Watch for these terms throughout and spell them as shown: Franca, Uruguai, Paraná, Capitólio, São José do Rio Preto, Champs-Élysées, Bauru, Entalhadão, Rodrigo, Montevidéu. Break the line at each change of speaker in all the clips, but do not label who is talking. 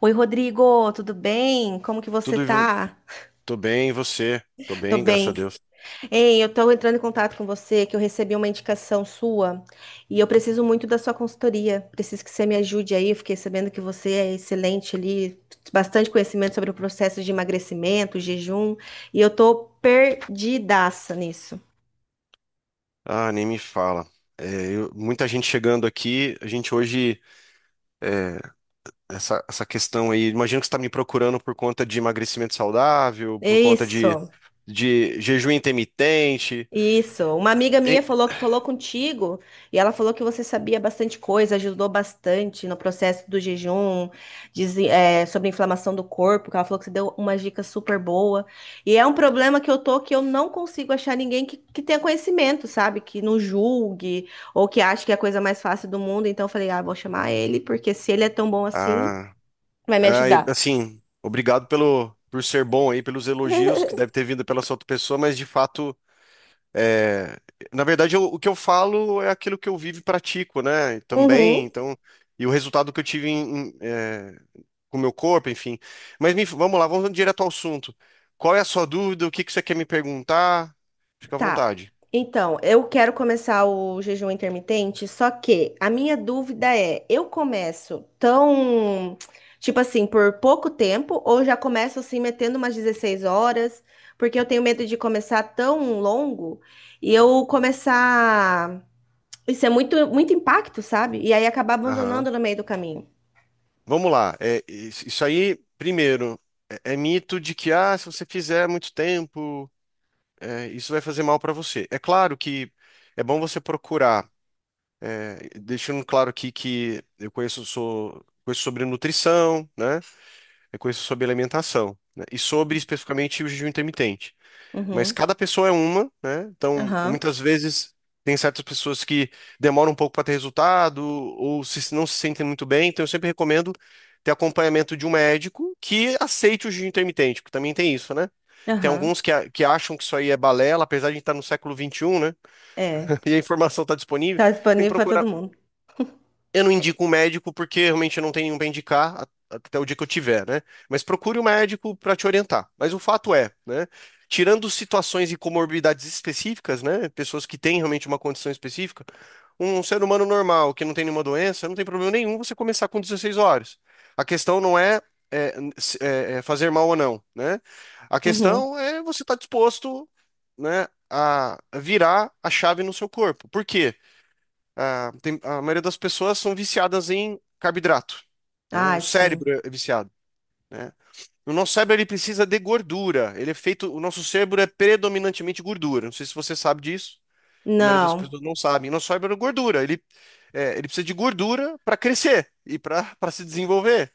Oi, Rodrigo, tudo bem? Como que você
Tudo,
tá?
tô bem, e você? Tô
Tô
bem, graças a
bem.
Deus.
Ei, eu tô entrando em contato com você que eu recebi uma indicação sua e eu preciso muito da sua consultoria. Preciso que você me ajude aí. Eu fiquei sabendo que você é excelente ali, bastante conhecimento sobre o processo de emagrecimento, jejum, e eu tô perdidaça nisso.
Ah, nem me fala. É, muita gente chegando aqui. A gente hoje, essa questão aí, imagino que você está me procurando por conta de emagrecimento saudável,
É
por conta de,
isso.
de jejum intermitente.
Isso. Uma amiga minha
E-
falou que falou contigo e ela falou que você sabia bastante coisa, ajudou bastante no processo do jejum, diz, sobre a inflamação do corpo, que ela falou que você deu uma dica super boa. E é um problema que eu tô que eu não consigo achar ninguém que tenha conhecimento, sabe? Que não julgue ou que ache que é a coisa mais fácil do mundo. Então eu falei, ah, vou chamar ele, porque se ele é tão bom assim,
ah,
vai me
e,
ajudar.
assim, obrigado por ser bom aí, pelos elogios que deve ter vindo pela sua outra pessoa, mas de fato. É, na verdade, o que eu falo é aquilo que eu vivo e pratico, né? Também,
Uhum.
então, e o resultado que eu tive com o meu corpo, enfim. Mas vamos lá, vamos direto ao assunto. Qual é a sua dúvida? O que que você quer me perguntar? Fica à
Tá.
vontade.
Então, eu quero começar o jejum intermitente, só que a minha dúvida é, eu começo tão, tipo assim, por pouco tempo ou já começo assim metendo umas 16 horas? Porque eu tenho medo de começar tão longo e eu começar, isso é muito muito impacto, sabe? E aí acabar
Aham.
abandonando no meio do caminho.
Vamos lá. Isso aí, primeiro, é mito de que se você fizer muito tempo, isso vai fazer mal para você. É claro que é bom você procurar. Deixando claro aqui que eu conheço sobre nutrição, né? Eu conheço sobre alimentação, né? E sobre especificamente o jejum intermitente. Mas
Uhum.
cada pessoa é uma, né? Então,
Aham.
muitas vezes tem certas pessoas que demoram um pouco para ter resultado ou se, não se sentem muito bem. Então, eu sempre recomendo ter acompanhamento de um médico que aceite o jejum intermitente, porque também tem isso, né? Tem
Aham.
alguns que acham que isso aí é balela, apesar de a gente estar no século 21, né?
É.
E a informação está disponível.
Tá
Tem que
disponível para
procurar.
todo mundo.
Eu não indico um médico porque realmente eu não tenho nenhum para indicar até o dia que eu tiver, né? Mas procure um médico para te orientar. Mas o fato é, né? Tirando situações e comorbidades específicas, né? Pessoas que têm realmente uma condição específica, um ser humano normal que não tem nenhuma doença, não tem problema nenhum você começar com 16 horas. A questão não é fazer mal ou não, né? A
Uhum.
questão é você estar disposto, né, a virar a chave no seu corpo. Por quê? Ah, a maioria das pessoas são viciadas em carboidrato, né? O
Ai, sim.
cérebro é viciado, né? O nosso cérebro ele precisa de gordura. O nosso cérebro é predominantemente gordura. Não sei se você sabe disso. A maioria das
Não.
pessoas não sabe. Nosso cérebro é gordura. Ele precisa de gordura para crescer e para se desenvolver.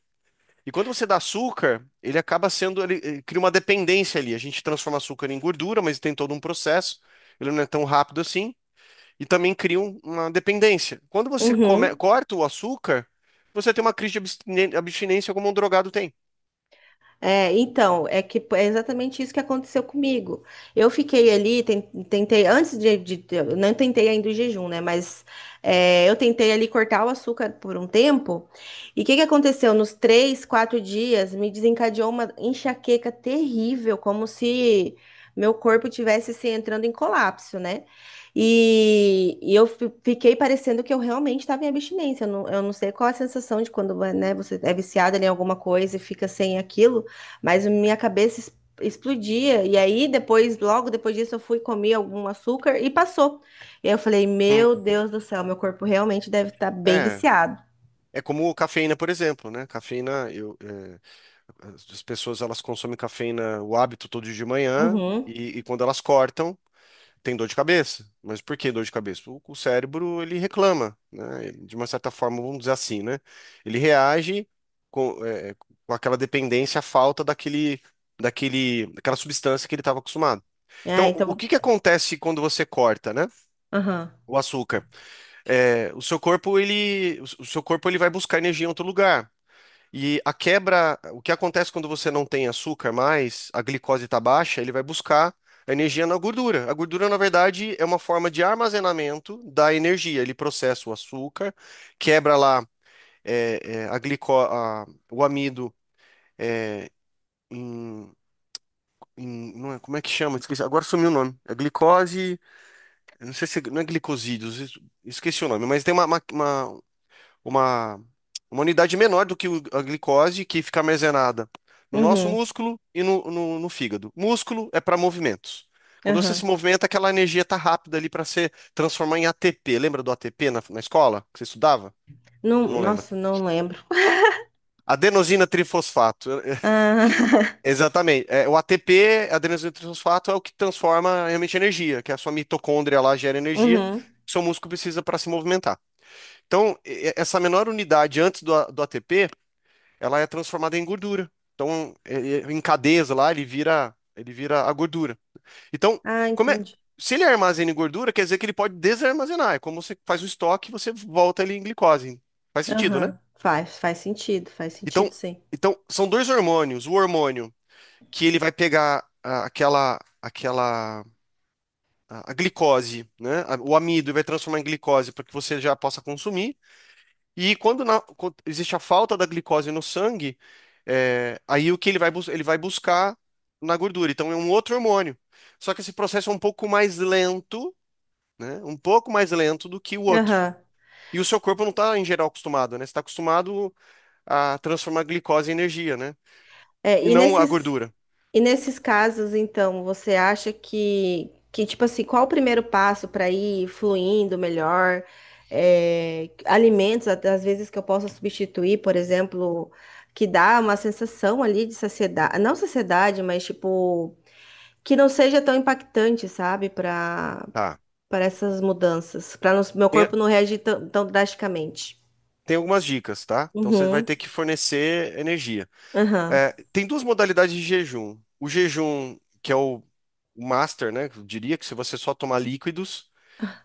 E quando você dá açúcar, ele acaba sendo, ele cria uma dependência ali. A gente transforma açúcar em gordura, mas tem todo um processo. Ele não é tão rápido assim e também cria uma dependência. Quando você
Uhum.
corta o açúcar, você tem uma crise de abstinência como um drogado tem.
É que é exatamente isso que aconteceu comigo. Eu fiquei ali, tentei, eu não tentei ainda o jejum, né? Mas eu tentei ali cortar o açúcar por um tempo. E o que que aconteceu? Nos três, quatro dias, me desencadeou uma enxaqueca terrível, como se meu corpo tivesse assim, entrando em colapso, né? E eu fiquei parecendo que eu realmente estava em abstinência. Eu não sei qual é a sensação de quando, né, você é viciada ali em alguma coisa e fica sem aquilo. Mas a minha cabeça explodia. E aí, depois, logo depois disso, eu fui comer algum açúcar e passou. E aí eu falei,
Hum.
meu Deus do céu, meu corpo realmente deve estar bem
É.
viciado.
É como cafeína, por exemplo, né? Cafeína, as pessoas elas consomem cafeína, o hábito todo dia de manhã,
Uhum.
e quando elas cortam, tem dor de cabeça. Mas por que dor de cabeça? O cérebro, ele reclama, né? De uma certa forma, vamos dizer assim, né? Ele reage com aquela dependência à falta daquela substância que ele estava acostumado.
É,
Então, o
então.
que que acontece quando você corta, né?
Aham.
O açúcar. O seu corpo ele vai buscar energia em outro lugar. E a quebra, o que acontece quando você não tem açúcar mais, a glicose está baixa, ele vai buscar a energia na gordura. A gordura, na verdade, é uma forma de armazenamento da energia. Ele processa o açúcar, quebra lá é, é, a glico, a- o amido em, não é, como é que chama? Esqueci, agora sumiu o nome. É glicose. Eu não sei se não é glicosídeos, esqueci o nome, mas tem uma- uma unidade menor do que a glicose que fica armazenada no nosso
Uhum.
músculo e no fígado. Músculo é para movimentos. Quando você se
Aham.
movimenta, aquela energia está rápida ali para se transformar em ATP. Lembra do ATP na escola que você estudava?
Não,
Eu não lembro.
nossa, não lembro.
Adenosina trifosfato.
Ah,
Exatamente. O ATP, adenosina trifosfato, é o que transforma realmente em energia, que é a sua mitocôndria lá gera energia,
uhum.
que seu músculo precisa para se movimentar. Então, essa menor unidade antes do ATP, ela é transformada em gordura. Então, em cadeias lá, ele vira a gordura. Então,
Ah,
como é-
entendi.
se ele armazena em gordura, quer dizer que ele pode desarmazenar. É como você faz um estoque e você volta ele em glicose. Faz sentido, né?
Aham. Faz, faz sentido,
Então,
sim.
então são dois hormônios. O hormônio que ele vai pegar aquela a glicose, né? O amido e vai transformar em glicose para que você já possa consumir. E quando existe a falta da glicose no sangue, aí o que ele vai buscar na gordura. Então é um outro hormônio. Só que esse processo é um pouco mais lento, né? Um pouco mais lento do que o outro.
Aham.
E o seu corpo não está, em geral, acostumado, né? Você está acostumado a transformar glicose em energia, né?
É,
E
e
não a
nesses,
gordura.
e nesses casos, então, você acha que tipo assim, qual o primeiro passo para ir fluindo melhor? Alimentos, até às vezes, que eu possa substituir, por exemplo, que dá uma sensação ali de saciedade, não saciedade, mas tipo, que não seja tão impactante, sabe, para
Tá.
para essas mudanças, para meu
Tem,
corpo não reagir tão, tão drasticamente.
tem algumas dicas, tá? Então você vai ter
Uhum,
que fornecer energia.
aham,
Tem duas modalidades de jejum. O jejum, que é o master, né? Eu diria que se você só tomar líquidos,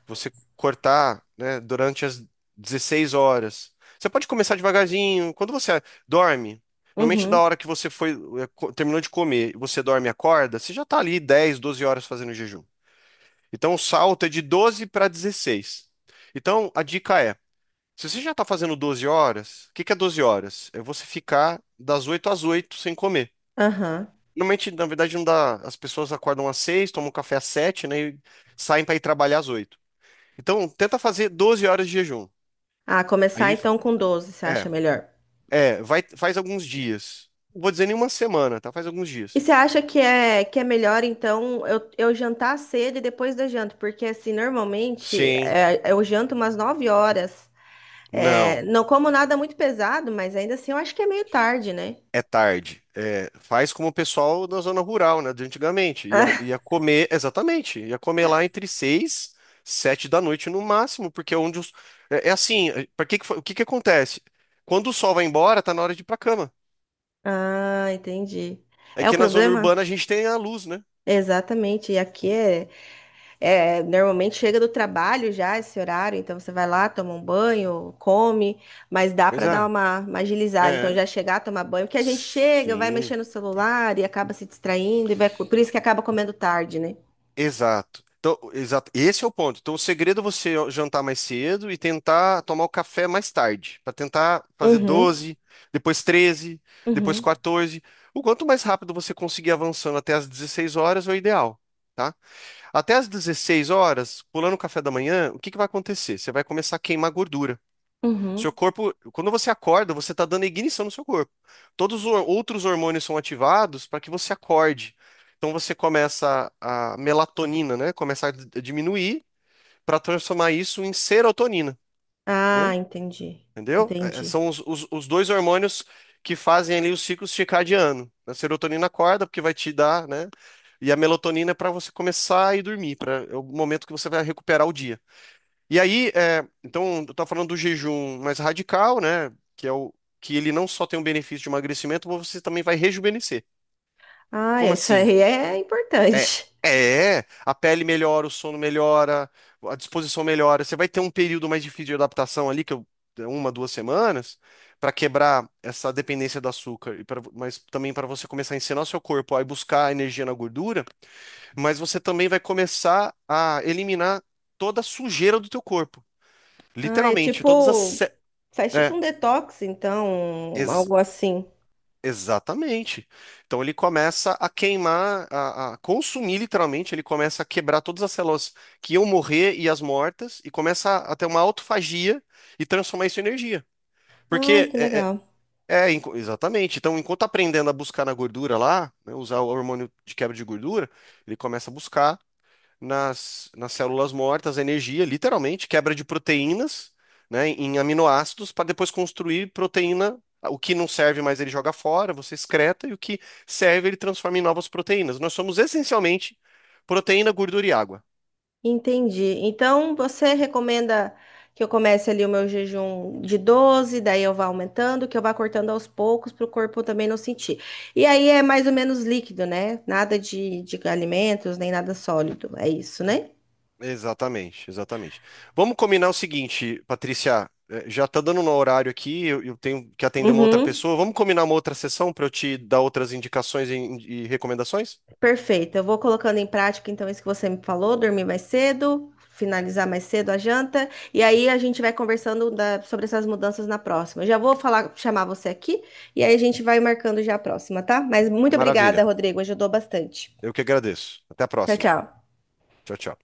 você cortar, né, durante as 16 horas. Você pode começar devagarzinho. Quando você dorme, normalmente da
uhum,
hora que você terminou de comer, você dorme e acorda, você já está ali 10 12 horas fazendo jejum. Então o salto é de 12 para 16. Então a dica é, se você já está fazendo 12 horas, o que que é 12 horas? É você ficar das 8 às 8 sem comer.
aham.
Normalmente, na verdade, não dá. As pessoas acordam às 6, tomam um café às 7, né? E saem para ir trabalhar às 8. Então, tenta fazer 12 horas de jejum.
Ah, começar
Aí,
então com 12, você acha
é,
melhor?
vai, faz alguns dias. Não vou dizer nenhuma semana, tá? Faz alguns
E
dias.
você acha que é melhor, então, eu jantar cedo e depois da janta? Porque, assim,
Sim,
eu janto umas 9 horas.
não.
Não como nada muito pesado, mas ainda assim eu acho que é meio tarde, né?
É tarde. Faz como o pessoal da zona rural, né? De antigamente. Ia, ia comer, exatamente. Ia comer lá entre 6, 7 da noite no máximo, porque é onde os. É assim, para que, que fa- o que que acontece? Quando o sol vai embora, tá na hora de ir pra cama.
Ah, entendi.
É
É o
que na zona
problema?
urbana a gente tem a luz, né?
Exatamente. E aqui é. É, normalmente chega do trabalho já esse horário, então você vai lá, toma um banho, come, mas dá
Pois
para dar
é.
uma agilizada. Então
É.
já chegar, tomar banho, porque a gente chega, vai
Sim.
mexer no celular e acaba se distraindo, e vai, por isso que acaba comendo tarde, né?
Exato. Então, exato. Esse é o ponto. Então, o segredo é você jantar mais cedo e tentar tomar o café mais tarde, para tentar fazer
Uhum,
doze, depois treze, depois
uhum,
quatorze. O quanto mais rápido você conseguir avançando até as 16 horas é o ideal, tá? Até as 16 horas, pulando o café da manhã, o que que vai acontecer? Você vai começar a queimar gordura. Seu
uhum.
corpo, quando você acorda, você está dando ignição no seu corpo. Todos os outros hormônios são ativados para que você acorde. Então você começa a melatonina, né? Começa a diminuir para transformar isso em serotonina,
Ah,
né?
entendi,
Entendeu?
entendi.
São os dois hormônios que fazem ali o ciclo circadiano. A serotonina acorda porque vai te dar, né? E a melatonina é para você começar a ir dormir, para é o momento que você vai recuperar o dia. E aí, então, eu estava falando do jejum mais radical, né? Que é o que ele não só tem um benefício de emagrecimento, mas você também vai rejuvenescer.
Ah,
Como
isso
assim?
aí é
É,
importante.
a pele melhora, o sono melhora, a disposição melhora. Você vai ter um período mais difícil de adaptação ali, é 1, 2 semanas, para quebrar essa dependência do açúcar, mas também para você começar a ensinar o seu corpo a ir buscar energia na gordura, mas você também vai começar a eliminar toda a sujeira do teu corpo.
Ah, é
Literalmente, todas as.
tipo, faz tipo
É,
um detox, então,
ex-
algo assim.
Exatamente. Então ele começa a queimar, a consumir literalmente, ele começa a quebrar todas as células que iam morrer e as mortas, e começa a ter uma autofagia e transformar isso em energia.
Ai,
Porque
que
é, é-
legal.
é, enqu- exatamente. Então, enquanto tá aprendendo a buscar na gordura lá, né, usar o hormônio de quebra de gordura, ele começa a buscar nas células mortas, a energia, literalmente, quebra de proteínas, né, em aminoácidos, para depois construir proteína. O que não serve mais ele joga fora, você excreta, e o que serve ele transforma em novas proteínas. Nós somos essencialmente proteína, gordura e água.
Entendi. Então, você recomenda que eu comece ali o meu jejum de 12, daí eu vá aumentando, que eu vá cortando aos poucos para o corpo também não sentir. E aí é mais ou menos líquido, né? Nada de alimentos, nem nada sólido. É isso, né?
Exatamente, exatamente. Vamos combinar o seguinte, Patrícia, já tá dando no horário aqui, eu tenho que atender uma outra
Uhum.
pessoa. Vamos combinar uma outra sessão para eu te dar outras indicações e recomendações?
Perfeito. Eu vou colocando em prática então isso que você me falou, dormir mais cedo, finalizar mais cedo a janta, e aí a gente vai conversando sobre essas mudanças na próxima. Eu já vou falar, chamar você aqui e aí a gente vai marcando já a próxima, tá? Mas muito obrigada,
Maravilha.
Rodrigo, ajudou bastante.
Eu que agradeço. Até a
Tchau,
próxima.
tchau.
Tchau, tchau.